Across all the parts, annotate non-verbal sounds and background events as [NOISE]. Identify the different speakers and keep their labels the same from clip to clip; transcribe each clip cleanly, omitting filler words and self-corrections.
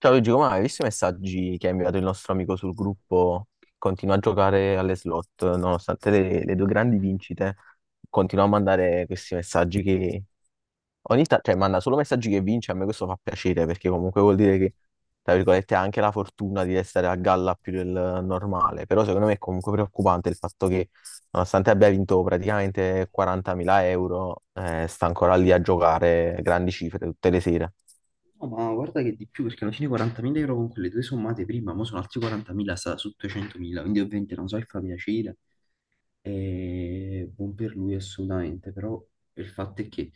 Speaker 1: Ciao Luigi, come hai visto i messaggi che ha inviato il nostro amico sul gruppo? Che continua a giocare alle slot, nonostante le due grandi vincite, continua a mandare questi messaggi che ogni tanto, cioè manda solo messaggi che vince, a me questo fa piacere perché comunque vuol dire che, tra virgolette, ha anche la fortuna di restare a galla più del normale, però secondo me è comunque preoccupante il fatto che nonostante abbia vinto praticamente 40.000 euro, sta ancora lì a giocare grandi cifre tutte le sere.
Speaker 2: No, ma guarda che di più, perché alla fine 40.000 euro con quelle due sommate prima, mo sono altri 40.000, sta su 200.000, quindi ovviamente non so se fa piacere, e buon per lui assolutamente. Però il fatto è che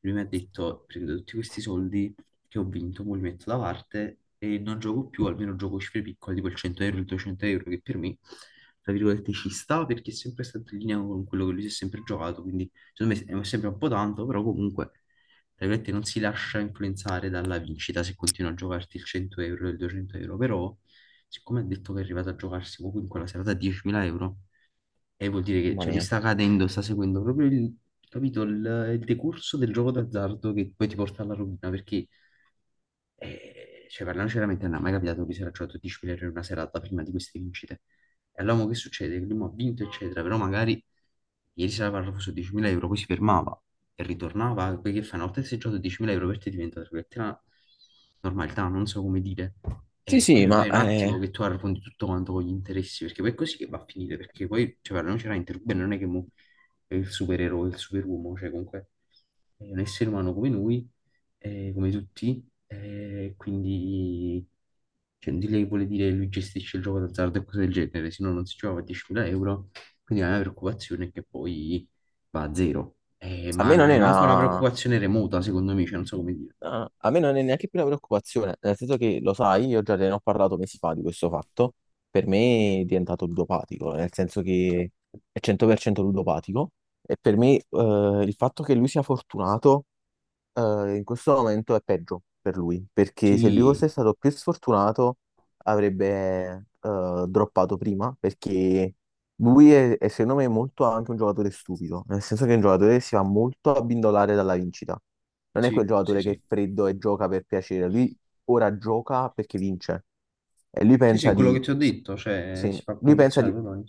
Speaker 2: lui mi ha detto prendo tutti questi soldi che ho vinto, mo li metto da parte e non gioco più, almeno gioco cifre piccole, tipo il 100 euro, il 200 euro, che per me, tra virgolette, ci sta, perché è sempre stato in linea con quello che lui si è sempre giocato, quindi secondo me è sempre un po' tanto. Però comunque, tra virgolette, non si lascia influenzare dalla vincita se continua a giocarti il 100 euro, il 200 euro. Però siccome ha detto che è arrivato a giocarsi comunque la serata a 10.000 euro, e vuol dire che,
Speaker 1: Mamma
Speaker 2: cioè, lui
Speaker 1: mia.
Speaker 2: sta cadendo, sta seguendo proprio il, capito, il decorso del gioco d'azzardo che poi ti porta alla rovina, perché e, cioè, parliamoci veramente, non è mai capitato che si era giocato 10 milioni in una serata prima di queste vincite. E allora mo che succede? Che lui mo ha vinto, eccetera, però magari ieri sera parlavo su 10.000 euro, poi si fermava e ritornava, poi che fa? Una volta che sei giocato 10.000 euro, per te diventa, tra virgolette, una normalità, non so come dire.
Speaker 1: Sì,
Speaker 2: E
Speaker 1: sì,
Speaker 2: quello
Speaker 1: ma
Speaker 2: poi è un attimo che tu arrotondi tutto quanto con gli interessi, perché poi è così che va a finire, perché poi, cioè, parliamoci veramente, Ruben non è che mo è il supereroe, il superuomo, cioè comunque è un essere umano come noi, come tutti, quindi cioè, di lei vuole dire lui gestisce il gioco d'azzardo e cose del genere, se no non si giocava a 10.000 euro. Quindi la mia preoccupazione è che poi va a zero.
Speaker 1: a
Speaker 2: Ma
Speaker 1: me
Speaker 2: non
Speaker 1: non
Speaker 2: è
Speaker 1: è
Speaker 2: manco una
Speaker 1: una,
Speaker 2: preoccupazione remota, secondo me, cioè, non so come dire.
Speaker 1: a me non è neanche più una preoccupazione, nel senso che lo sai, io già te ne ho parlato mesi fa di questo fatto. Per me è diventato ludopatico, nel senso che è 100% ludopatico e per me il fatto che lui sia fortunato in questo momento è peggio per lui, perché se lui fosse
Speaker 2: Sì,
Speaker 1: stato più sfortunato avrebbe droppato prima, perché lui è secondo me molto anche un giocatore stupido, nel senso che è un giocatore che si va molto abbindolare dalla vincita. Non è quel
Speaker 2: sì, sì,
Speaker 1: giocatore che è
Speaker 2: sì.
Speaker 1: freddo e gioca per piacere, lui ora gioca perché vince e lui
Speaker 2: Sì, sì, è
Speaker 1: pensa
Speaker 2: quello che
Speaker 1: di.
Speaker 2: ti ho detto, cioè
Speaker 1: Sì,
Speaker 2: si fa
Speaker 1: lui pensa
Speaker 2: condizionare
Speaker 1: di.
Speaker 2: proprio.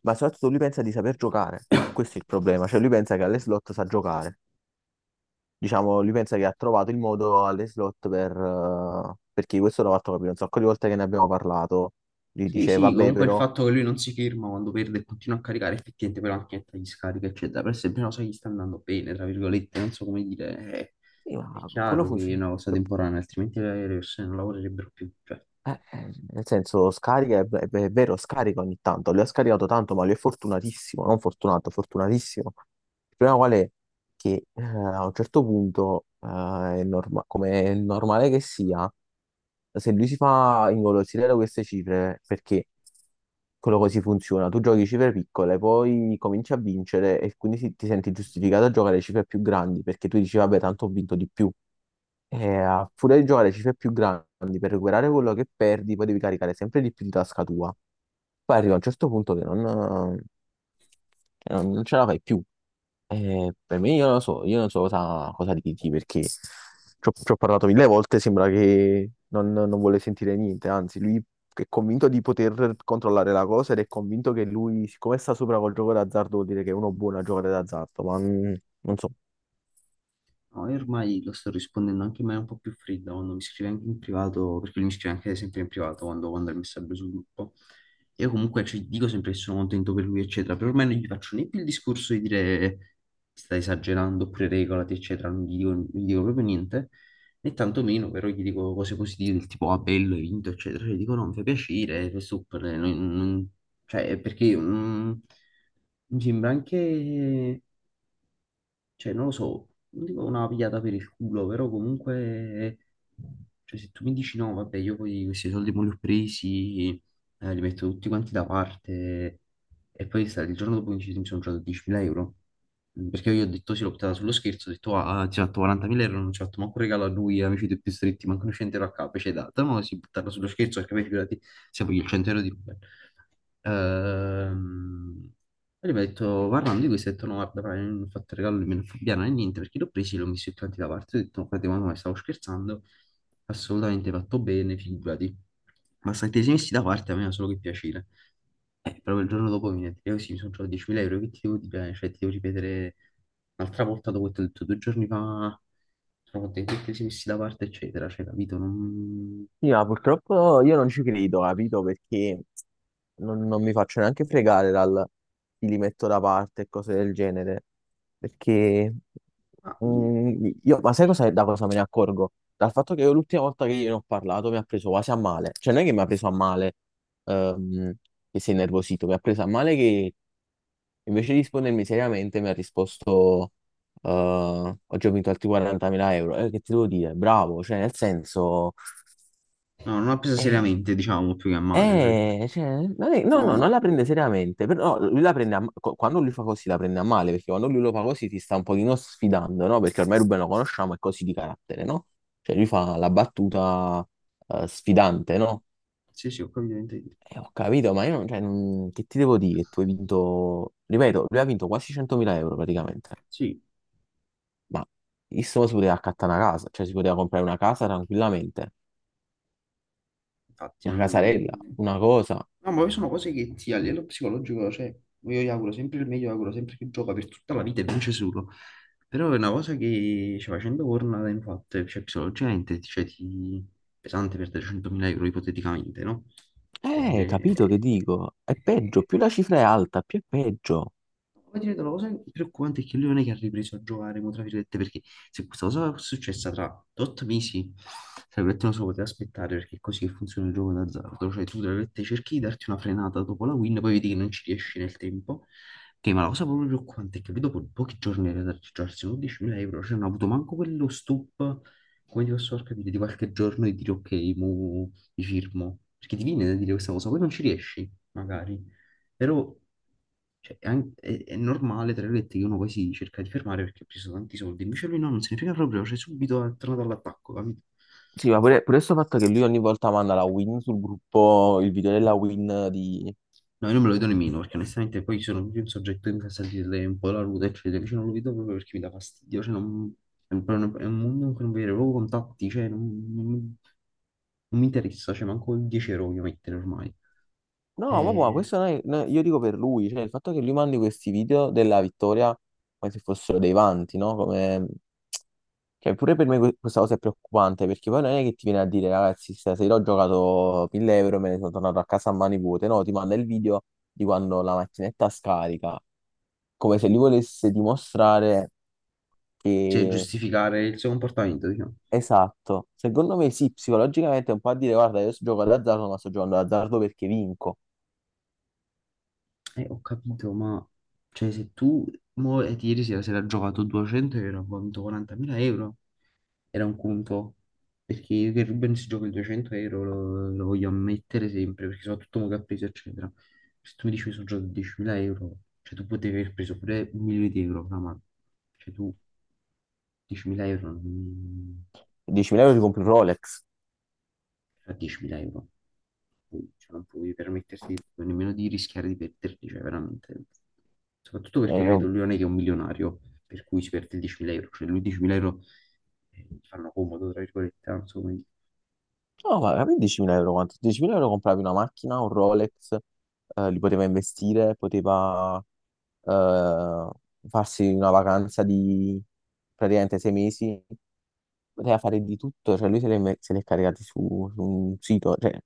Speaker 1: Ma soprattutto lui pensa di saper giocare, e questo è il problema, cioè lui pensa che alle slot sa giocare, diciamo, lui pensa che ha trovato il modo alle slot per. Perché questo l'ho fatto capire un sacco di volte che ne abbiamo parlato. Lui
Speaker 2: Sì,
Speaker 1: dice,
Speaker 2: sì,
Speaker 1: vabbè,
Speaker 2: comunque il
Speaker 1: però,
Speaker 2: fatto che lui non si ferma quando perde e continua a caricare effettivamente poi la macchinetta gli scarica, eccetera, per esempio, non so, gli sta andando bene, tra virgolette, non so come dire,
Speaker 1: sì,
Speaker 2: è
Speaker 1: ma quello
Speaker 2: chiaro che è
Speaker 1: funziona.
Speaker 2: una cosa temporanea, altrimenti le persone non lavorerebbero più, cioè.
Speaker 1: Nel senso, scarica, è vero, scarica ogni tanto, lui ha scaricato tanto, ma lui è fortunatissimo, non fortunato, fortunatissimo. Il problema qual è? Che a un certo punto, come è normale che sia, se lui si fa ingolosire da queste cifre, perché quello così funziona, tu giochi cifre piccole, poi cominci a vincere e quindi ti senti giustificato a giocare cifre più grandi, perché tu dici, vabbè, tanto ho vinto di più. E a furia di giocare cifre più grandi per recuperare quello che perdi, poi devi caricare sempre di più di tasca tua. Poi arriva un certo punto che non ce la fai più. E per me, io non lo so, io non so cosa dirti perché ci ho parlato mille volte. Sembra che non vuole sentire niente. Anzi, lui è convinto di poter controllare la cosa ed è convinto che lui, siccome sta sopra col gioco d'azzardo, vuol dire che è uno buono a giocare d'azzardo. Ma non so.
Speaker 2: Ormai lo sto rispondendo anche in maniera un po' più fredda quando mi scrive anche in privato, perché lui mi scrive anche sempre in privato quando manda il messaggio sul gruppo. Io comunque ci dico sempre che sono contento per lui, eccetera, però ormai non gli faccio né più il discorso di dire stai esagerando oppure regolati, eccetera, non gli dico proprio niente, né tantomeno però gli dico cose positive del tipo ah bello, hai vinto, eccetera, cioè, gli dico no, mi fa piacere, è super, cioè perché mi sembra anche cioè non lo so, non dico una pigliata per il culo, però comunque, cioè se tu mi dici no, vabbè, io poi questi soldi me li ho presi, li metto tutti quanti da parte, e poi il giorno dopo mi dici, mi sono giocato 10.000 euro. Perché io ho detto sì, l'ho buttata sullo scherzo, ho detto ah, ti ho fatto 40.000 euro, non ci ho fatto manco un regalo a lui, amici dei più stretti, manco un 100 euro a capo, ci hai dato, ma si buttata sullo scherzo, perché poi figurati, se voglio il 100 euro di Ruben. Ehm, Poi mi ha detto, parlando di questo, ho detto, no, guarda, fra, io non ho fatto regalo, non me ne fa piano né niente, perché l'ho preso, e l'ho messo tutti quanti da parte, ho detto, no, frate, ma no, stavo scherzando, assolutamente fatto bene, figurati. Ma se ti sei messi da parte, a me fa solo che piacere. Proprio il giorno dopo mi ha detto, così, mi sono trovato 10.000 euro, che ti devo dire? Cioè, ti devo ripetere un'altra volta dopo che ti ho detto due giorni fa, sono contento che ti sei messi da parte, eccetera, cioè, capito? Non...
Speaker 1: Sì, ma purtroppo io non ci credo, capito? Perché non mi faccio neanche fregare dal ti li metto da parte e cose del genere. Perché
Speaker 2: ah,
Speaker 1: ma sai cosa, da cosa me ne accorgo? Dal fatto che io l'ultima volta che gliene ho parlato mi ha preso quasi a male. Cioè, non è che mi ha preso a male, ehm, che sei nervosito, mi ha preso a male che invece di rispondermi seriamente mi ha risposto, oggi ho vinto altri 40.000 euro. Che ti devo dire? Bravo, cioè, nel senso.
Speaker 2: No, non ha preso
Speaker 1: eh,
Speaker 2: seriamente, diciamo, più che a male.
Speaker 1: cioè non è- no,
Speaker 2: No,
Speaker 1: no, non la
Speaker 2: ma
Speaker 1: prende seriamente, però no, lui la prende quando lui fa così la prende a male, perché quando lui lo fa così ti sta un pochino sfidando, no? Perché ormai Ruben lo conosciamo, è così di carattere, no? Cioè lui fa la battuta sfidante, no?
Speaker 2: sì, sì, ho capito che intendi.
Speaker 1: E ho capito, ma io non, cioè, che ti devo dire? Tu hai vinto, ripeto, lui ha vinto quasi 100.000 euro praticamente,
Speaker 2: Sì,
Speaker 1: ma il mo si poteva accattare una casa, cioè si poteva comprare una casa tranquillamente,
Speaker 2: infatti,
Speaker 1: una casarella,
Speaker 2: non...
Speaker 1: una cosa.
Speaker 2: No, ma poi sono cose che ti a livello psicologico, cioè, io gli auguro sempre il meglio, gli auguro sempre che gioca per tutta la vita e vince solo. Però è una cosa che, cioè, facendo corna, infatti, cioè, psicologicamente, cioè, ti... pesante perdere 100.000 euro ipoteticamente, no? E
Speaker 1: Eh,
Speaker 2: ne-
Speaker 1: capito che dico? È peggio, più la cifra è alta, più è peggio.
Speaker 2: Poi ti vedo una cosa preoccupante è che lui non è che ha ripreso a giocare, mo, tra virgolette, perché se questa cosa fosse successa tra 8 mesi, tra virgolette non so, poteva aspettare perché è così che funziona il gioco d'azzardo, cioè tu tra virgolette cerchi di darti una frenata dopo la win, poi vedi che non ci riesci nel tempo, che ma la cosa proprio preoccupante è che lui dopo pochi giorni era da registrarsi 11.000 euro, cioè non ha avuto manco quello stop, come ti posso far capire, di qualche giorno e dire ok, mo mi firmo, perché ti viene da dire questa cosa, poi non ci riesci, magari. Però cioè, è, è normale, tra virgolette, che uno poi si cerca di fermare perché ha preso tanti soldi. Invece lui no, non se ne frega proprio, cioè subito è tornato all'attacco, capito?
Speaker 1: Sì, ma pure, pure questo fatto che lui ogni volta manda la win sul gruppo, il video della win di.
Speaker 2: No, io non me lo vedo nemmeno, perché onestamente poi sono proprio un soggetto che mi fa sentire un po' la ruta, eccetera. Invece non lo vedo proprio perché mi dà fastidio, cioè è un mondo in cui non vedo proprio contatti, cioè non, non mi non mi interessa, cioè manco il 10 euro voglio mettere ormai.
Speaker 1: No, vabbè, ma
Speaker 2: Eh,
Speaker 1: questo non è- no, io dico per lui, cioè il fatto che lui mandi questi video della vittoria come se fossero dei vanti, no? Come. Cioè, pure per me questa cosa è preoccupante, perché poi non è che ti viene a dire, ragazzi, stasera ho giocato 1.000 euro, e me ne sono tornato a casa a mani vuote, no? Ti manda il video di quando la macchinetta scarica come se lui volesse dimostrare
Speaker 2: cioè
Speaker 1: che.
Speaker 2: giustificare il suo comportamento, diciamo.
Speaker 1: Esatto, secondo me sì, psicologicamente è un po' a dire, guarda, io sto giocando d'azzardo, ma sto giocando d'azzardo perché vinco.
Speaker 2: Ho capito, ma cioè, se tu mo, ieri sera si era giocato 200 euro, ha vinto 40.000 euro, era un conto, perché io che Ruben si gioca il 200 euro lo voglio ammettere sempre, perché soprattutto mo che ha preso, eccetera. Se tu mi dici che sono giocato 10.000 euro, cioè tu potevi aver preso pure un milione di euro, fra mano. Cioè tu 10.000 euro,
Speaker 1: 10.000 euro ti compri un Rolex.
Speaker 2: cioè, 10.000 euro, cioè, non puoi permettersi nemmeno di rischiare di perderli, cioè veramente. Soprattutto perché,
Speaker 1: Eh,
Speaker 2: ripeto, lui non è che è un milionario, per cui si perde 10.000 euro, cioè lui 10.000 euro gli fanno comodo, tra virgolette, non so come dire.
Speaker 1: No, ma per 10.000 euro quanto? 10.000 euro compravi una macchina, un Rolex, li poteva investire, poteva eh, farsi una vacanza di praticamente 6 mesi, poteva fare di tutto, cioè lui se l'è caricati su un sito, cioè.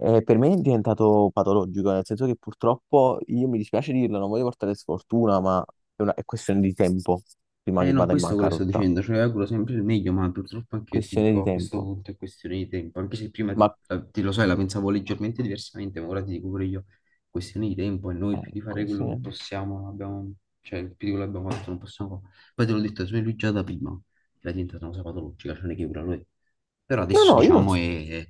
Speaker 1: Per me è diventato patologico, nel senso che purtroppo io mi dispiace dirlo, non voglio portare sfortuna, ma è questione di tempo prima che
Speaker 2: Eh no,
Speaker 1: vada in
Speaker 2: questo è quello che sto
Speaker 1: bancarotta.
Speaker 2: dicendo, cioè auguro sempre il meglio, ma purtroppo anche io ti
Speaker 1: Questione di
Speaker 2: dico, a questo
Speaker 1: tempo.
Speaker 2: punto è questione di tempo, anche se prima
Speaker 1: Ma
Speaker 2: ti, lo sai, la pensavo leggermente diversamente, ma ora ti dico pure io, è questione di tempo e noi più di fare
Speaker 1: ecco, sì.
Speaker 2: quello che
Speaker 1: No,
Speaker 2: possiamo, non abbiamo, cioè più di quello che abbiamo fatto non possiamo fare. Poi te l'ho detto, se lui già da prima era diventata una cosa patologica, cioè non è che ora lo è, però adesso
Speaker 1: no, io lo
Speaker 2: diciamo
Speaker 1: so.
Speaker 2: è,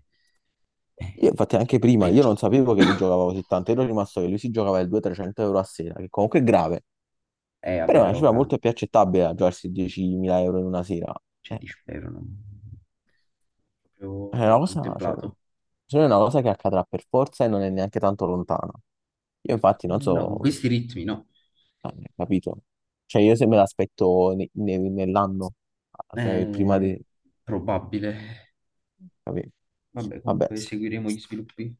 Speaker 2: è
Speaker 1: Io, infatti anche
Speaker 2: è
Speaker 1: prima, io non
Speaker 2: peggio.
Speaker 1: sapevo che lui
Speaker 2: [COUGHS]
Speaker 1: giocava così tanto, ero rimasto che lui si giocava il 200-300 euro a sera, che comunque è grave, però
Speaker 2: Vabbè,
Speaker 1: è una
Speaker 2: però,
Speaker 1: cifra
Speaker 2: Cani,
Speaker 1: molto più accettabile a giocarsi 10.000 euro in una sera.
Speaker 2: cioè,
Speaker 1: Eh,
Speaker 2: ti spero, non
Speaker 1: è una
Speaker 2: proprio
Speaker 1: cosa, cioè, secondo
Speaker 2: contemplato.
Speaker 1: me è una cosa che accadrà per forza e non è neanche tanto lontana. Io infatti non
Speaker 2: No, con
Speaker 1: so
Speaker 2: questi ritmi, no.
Speaker 1: anni, capito? Cioè io se me l'aspetto nell'anno, cioè prima
Speaker 2: Eh,
Speaker 1: di.
Speaker 2: probabile.
Speaker 1: Capi-.
Speaker 2: Vabbè,
Speaker 1: Vabbè,
Speaker 2: comunque seguiremo gli sviluppi.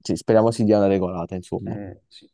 Speaker 1: sì, speriamo si dia una regolata, insomma.
Speaker 2: Sì.